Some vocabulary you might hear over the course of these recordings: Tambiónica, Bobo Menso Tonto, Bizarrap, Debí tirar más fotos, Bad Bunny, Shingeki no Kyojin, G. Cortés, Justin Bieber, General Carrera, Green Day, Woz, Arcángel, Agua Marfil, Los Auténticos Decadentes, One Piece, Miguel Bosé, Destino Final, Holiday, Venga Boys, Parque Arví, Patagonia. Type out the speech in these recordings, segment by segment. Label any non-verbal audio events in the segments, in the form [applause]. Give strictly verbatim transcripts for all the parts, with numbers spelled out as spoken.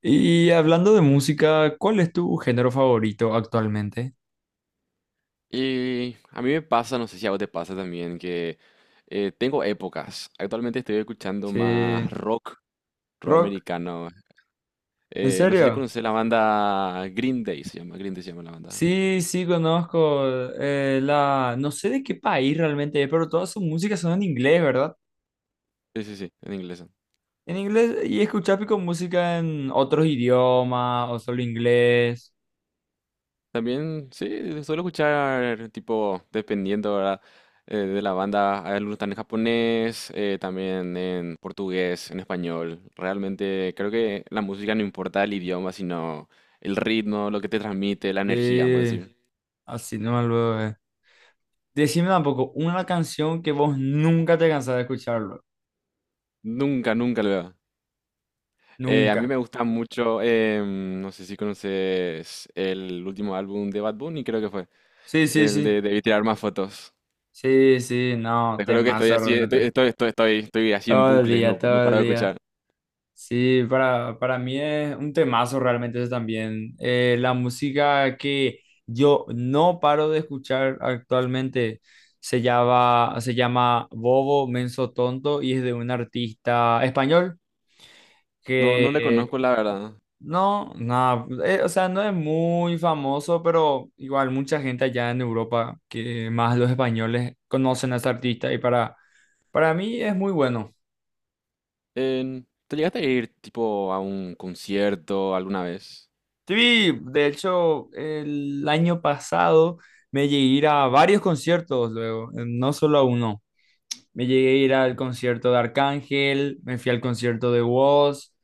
Y hablando de música, ¿cuál es tu género favorito actualmente? Y a mí me pasa, no sé si a vos te pasa también, que eh, tengo épocas. Actualmente estoy escuchando más Sí, rock, rock rock, americano. ¿en Eh, no sé si serio? conoces la banda Green Day, se llama, Green Day se llama la banda. Sí, sí, conozco eh, la... No sé de qué país realmente es, pero todas sus músicas son en inglés, ¿verdad? Sí, sí, sí, en inglés. En inglés, y escuchar pico música en otros idiomas o solo inglés. También, sí, suelo escuchar, tipo, dependiendo, ¿verdad? Eh, de la banda, hay algunos están en japonés, eh, también en portugués, en español. Realmente creo que la música no importa el idioma, sino el ritmo, lo que te transmite, la energía, vamos a De... decir. Así no me lo eh. Decime tampoco una canción que vos nunca te cansás de escucharlo. Nunca, nunca lo veo. Eh, a mí Nunca. me gusta mucho, em, no sé si conoces el último álbum de Bad Bunny, creo que fue, Sí, sí, el de sí. Debí tirar más fotos. Sí, sí, no, Te juro que estoy temazo así, estoy, realmente. estoy, estoy, estoy, estoy así en Todo el bucle, día, no, no todo paro el de día. escuchar. Sí, para, para mí es un temazo realmente eso también. Eh, la música que yo no paro de escuchar actualmente se llama, se llama Bobo Menso Tonto y es de un artista español No, no le que conozco la verdad. no, nada, eh, o sea, no es muy famoso, pero igual mucha gente allá en Europa, que más los españoles conocen a ese artista y para, para mí es muy bueno. En- ¿te llegaste a ir tipo a un concierto alguna vez? Sí, de hecho, el año pasado me llegué a ir a varios conciertos luego, eh, no solo a uno. Me llegué a ir al concierto de Arcángel, me fui al concierto de Woz,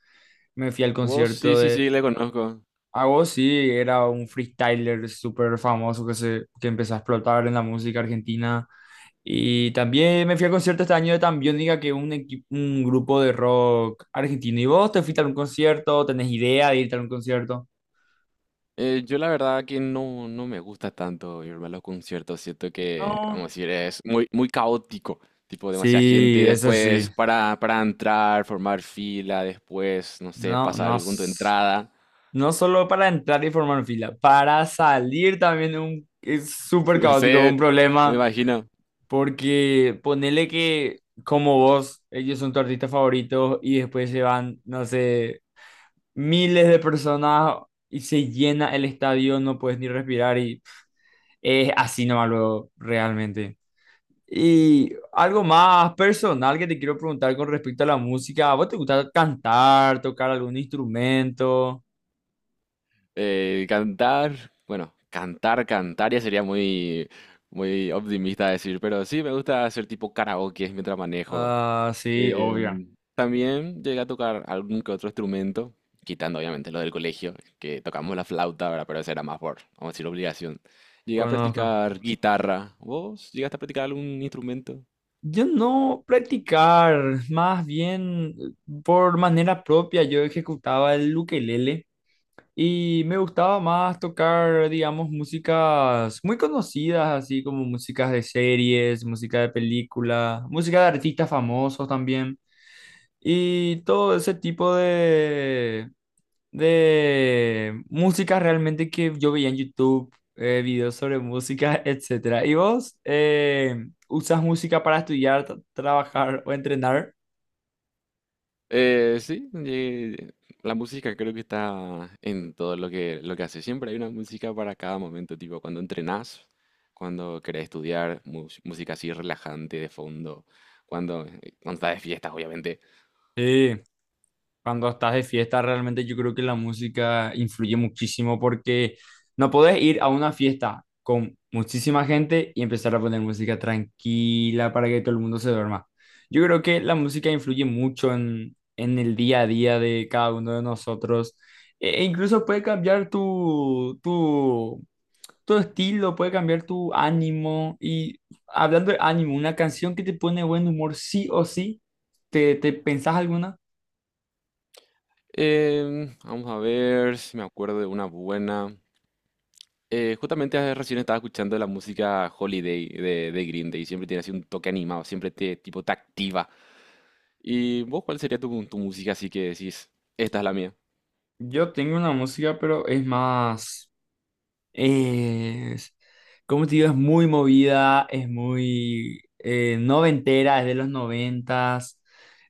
me fui al Vos sí, concierto sí, de... sí, le conozco. A Woz sí, era un freestyler súper famoso que, se, que empezó a explotar en la música argentina. Y también me fui al concierto este año de Tambiónica, que es un, equi- un grupo de rock argentino. ¿Y vos te fuiste a un concierto? ¿Tenés idea de irte a un concierto? Eh, yo la verdad que no, no me gusta tanto irme a los conciertos, siento que, vamos a No. decir, es muy, muy caótico, tipo demasiada Sí, gente eso después sí. para, para entrar, formar fila, después, no sé, No, pasa no, algo con tu s- entrada, No solo para entrar y formar fila, para salir también un, es [laughs] súper no caótico, un sé, me problema, imagino, porque ponele que como vos, ellos son tu artista favorito y después se van, no sé, miles de personas y se llena el estadio, no puedes ni respirar y es así nomás luego, realmente. Y algo más personal que te quiero preguntar con respecto a la música. ¿A vos te gusta cantar, tocar algún instrumento? eh, cantar, bueno, cantar, cantar ya sería muy, muy optimista decir, pero sí me gusta hacer tipo karaoke mientras manejo. Ah, sí, Eh, obvio, También llegué a tocar algún que otro instrumento, quitando obviamente lo del colegio, que tocamos la flauta, ¿verdad? Pero eso era más por, vamos a decir, obligación. Llegué a conozco. practicar guitarra. ¿Vos llegaste a practicar algún instrumento? Yo no practicar, más bien por manera propia yo ejecutaba el ukelele y me gustaba más tocar, digamos, músicas muy conocidas, así como músicas de series, música de películas, música de artistas famosos también. Y todo ese tipo de, de música realmente que yo veía en YouTube, eh, videos sobre música, [laughs] etcétera. ¿Y vos eh, usas música para estudiar, tra- trabajar o entrenar? Eh, sí, llegué- la música creo que está en todo lo que, lo que hace. Siempre hay una música para cada momento, tipo cuando entrenás, cuando querés estudiar, mus- música así relajante de fondo, cuando, eh, cuando estás de fiestas, obviamente. Sí. Cuando estás de fiesta, realmente yo creo que la música influye muchísimo porque no podés ir a una fiesta con muchísima gente y empezar a poner música tranquila para que todo el mundo se duerma. Yo creo que la música influye mucho en, en el día a día de cada uno de nosotros. E e incluso puede cambiar tu, tu, tu estilo, puede cambiar tu ánimo. Y hablando de ánimo, una canción que te pone buen humor, sí o sí, ¿te, te pensás alguna? Em, vamos a ver si me acuerdo de una buena. Eh, justamente eh, recién estaba escuchando la música Holiday de, de Green Day. Siempre tiene así un toque animado, siempre te, tipo, te activa. ¿Y vos cuál sería tu, tu música así que decís, esta es la mía? Yo tengo una música, pero es más, es, como te digo, es muy movida, es muy eh, noventera, es de los noventas.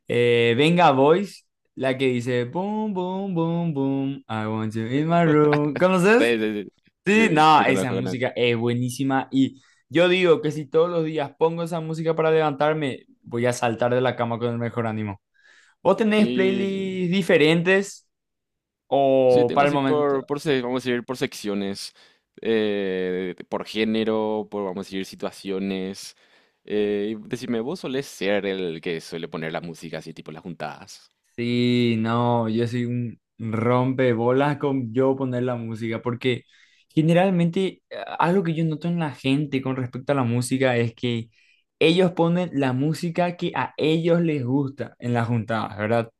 Eh, Venga Boys, la que dice, boom, boom, boom, boom, I want you in my room. Sí, ¿Conoces? sí, sí. Sí, Sí, sí, no, sí, esa conozco, conozco. música es buenísima y yo digo que si todos los días pongo esa música para levantarme, voy a saltar de la cama con el mejor ánimo. ¿Vos tenés Y playlists diferentes? sí, O tengo para el así por, momento. por, se- vamos a decir, por secciones, eh, por género, por, vamos a decir, situaciones. Eh, y decime, ¿vos solés ser el que suele poner la música así, tipo, en las juntadas? Sí, no, yo soy un rompebolas con yo poner la música, porque generalmente eh, algo que yo noto en la gente con respecto a la música es que ellos ponen la música que a ellos les gusta en las juntadas, ¿verdad?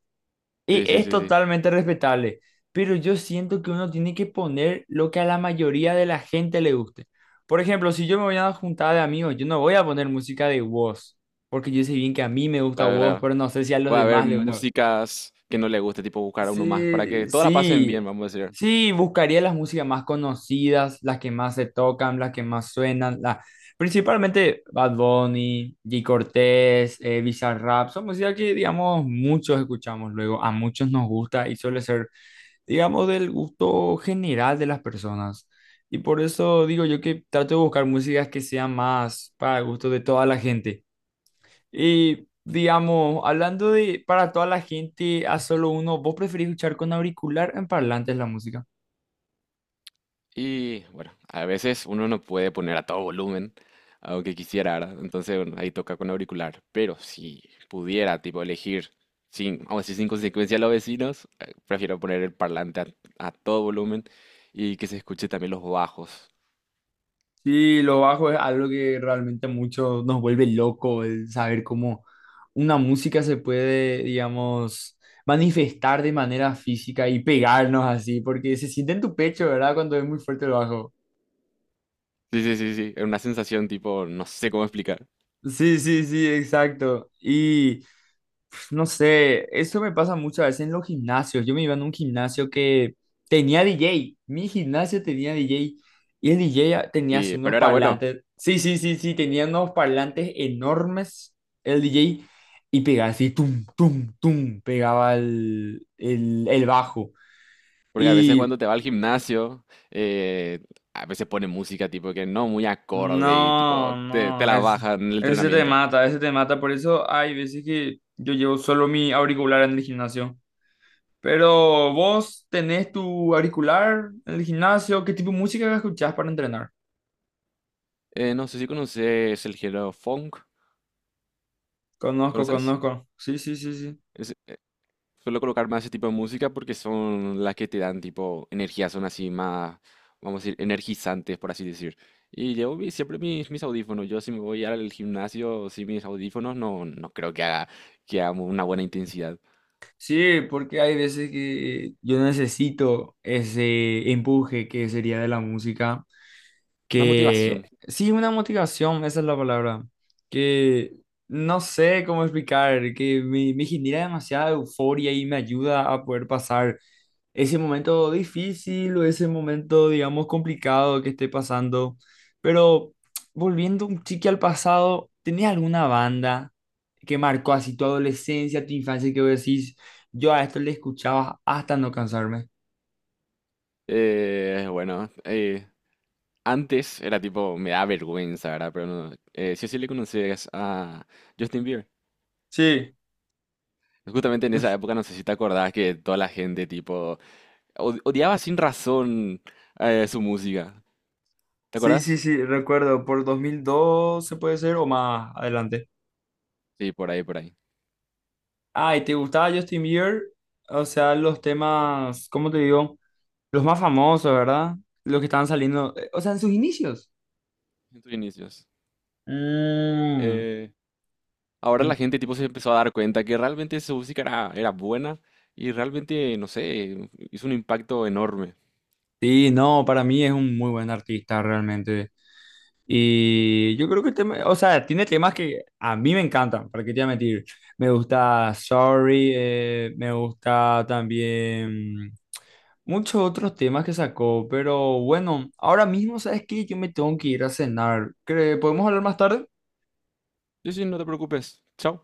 Y Sí, sí, es sí, sí. totalmente respetable, pero yo siento que uno tiene que poner lo que a la mayoría de la gente le guste. Por ejemplo, si yo me voy a una juntada de amigos, yo no voy a poner música de Wos, porque yo sé bien que a mí me gusta Claro, Wos, claro. pero no sé si a los Va a haber demás les gusta. músicas que no le guste, tipo buscar a uno más, para que Sí, todas la pasen sí, bien, vamos a decir. sí, buscaría las músicas más conocidas, las que más se tocan, las que más suenan, la- principalmente Bad Bunny, G. Cortés, eh, Bizarrap, son músicas que, digamos, muchos escuchamos luego, a muchos nos gusta y suele ser, digamos, del gusto general de las personas. Y por eso digo yo que trato de buscar músicas que sean más para el gusto de toda la gente. Y digamos, hablando de para toda la gente a solo uno, ¿vos preferís escuchar con auricular o en parlantes la música? Y bueno, a veces uno no puede poner a todo volumen, aunque quisiera, ¿verdad? Entonces, bueno, ahí toca con auricular. Pero si pudiera, tipo, elegir sin, vamos a decir, sin consecuencia a los vecinos, eh, prefiero poner el parlante a, a todo volumen y que se escuche también los bajos. Sí, lo bajo es algo que realmente mucho nos vuelve loco, el saber cómo una música se puede, digamos, manifestar de manera física y pegarnos así, porque se siente en tu pecho, ¿verdad? Cuando es muy fuerte el bajo. Sí, sí, sí, sí. Es una sensación tipo, no sé cómo explicar. Sí, sí, sí, exacto. Y no sé, eso me pasa muchas veces en los gimnasios. Yo me iba en un gimnasio que tenía D J. Mi gimnasio tenía D J. Y el D J a- tenía así Y, unos pero era bueno, parlantes. Sí, sí, sí, sí, tenía unos parlantes enormes el D J. Y pegaba así, tum, tum, tum, pegaba el, el, el bajo. porque a veces Y cuando te va al gimnasio, eh, a veces pone música tipo que no muy acorde y tipo no, te, te no, la baja es, en el ese te entrenamiento. mata, ese te mata. Por eso hay veces que yo llevo solo mi auricular en el gimnasio. Pero vos tenés tu auricular en el gimnasio, ¿qué tipo de música escuchás para entrenar? Eh, no sé si conoces el género funk, Conozco, ¿conoces? conozco. Sí, sí, sí, sí. Es- Suelo colocar más ese tipo de música porque son las que te dan tipo energía, son así más, vamos a decir, energizantes, por así decir. Y llevo mi- siempre mis, mis audífonos. Yo si me voy al gimnasio sin mis audífonos, no, no creo que haga, que haga una buena intensidad. Sí, porque hay veces que yo necesito ese empuje que sería de la música Una motivación. que sí, una motivación, esa es la palabra, que no sé cómo explicar, que me, me genera demasiada euforia y me ayuda a poder pasar ese momento difícil o ese momento, digamos, complicado que esté pasando. Pero [tsk] volviendo un chique al pasado, ¿tenías alguna banda que marcó así tu adolescencia, tu infancia, que vos decís, yo a esto le escuchaba hasta no cansarme? Eh, bueno, eh, antes era tipo, me da vergüenza, ¿verdad? Pero no, eh, sí o sí le conocías a Justin Bieber. Sí, Justamente en [laughs] esa época, no sé si te acordás que toda la gente, tipo, od- odiaba sin razón eh, su música. ¿Te sí, sí, acordás? sí, recuerdo, por dos mil doce puede ser o más adelante. Sí, por ahí, por ahí. Ah, ¿y te gustaba Justin Bieber? O sea, los temas, ¿cómo te digo? Los más famosos, ¿verdad? Los que estaban saliendo, eh, o sea, en sus inicios. En tus inicios. Mm, Eh, Ahora la en- gente, tipo, se empezó a dar cuenta que realmente su música era, era buena y realmente, no sé, hizo un impacto enorme. sí, no, para mí es un muy buen artista realmente. Y yo creo que el tema, o sea, tiene temas que a mí me encantan, ¿para qué te voy a mentir? Me gusta Sorry, eh, me gusta también... Muchos otros temas que sacó, pero bueno, ahora mismo, ¿sabes qué? Yo me tengo que ir a cenar. ¿Cre- ¿Podemos hablar más tarde? Sí, sí, no te preocupes. Chao.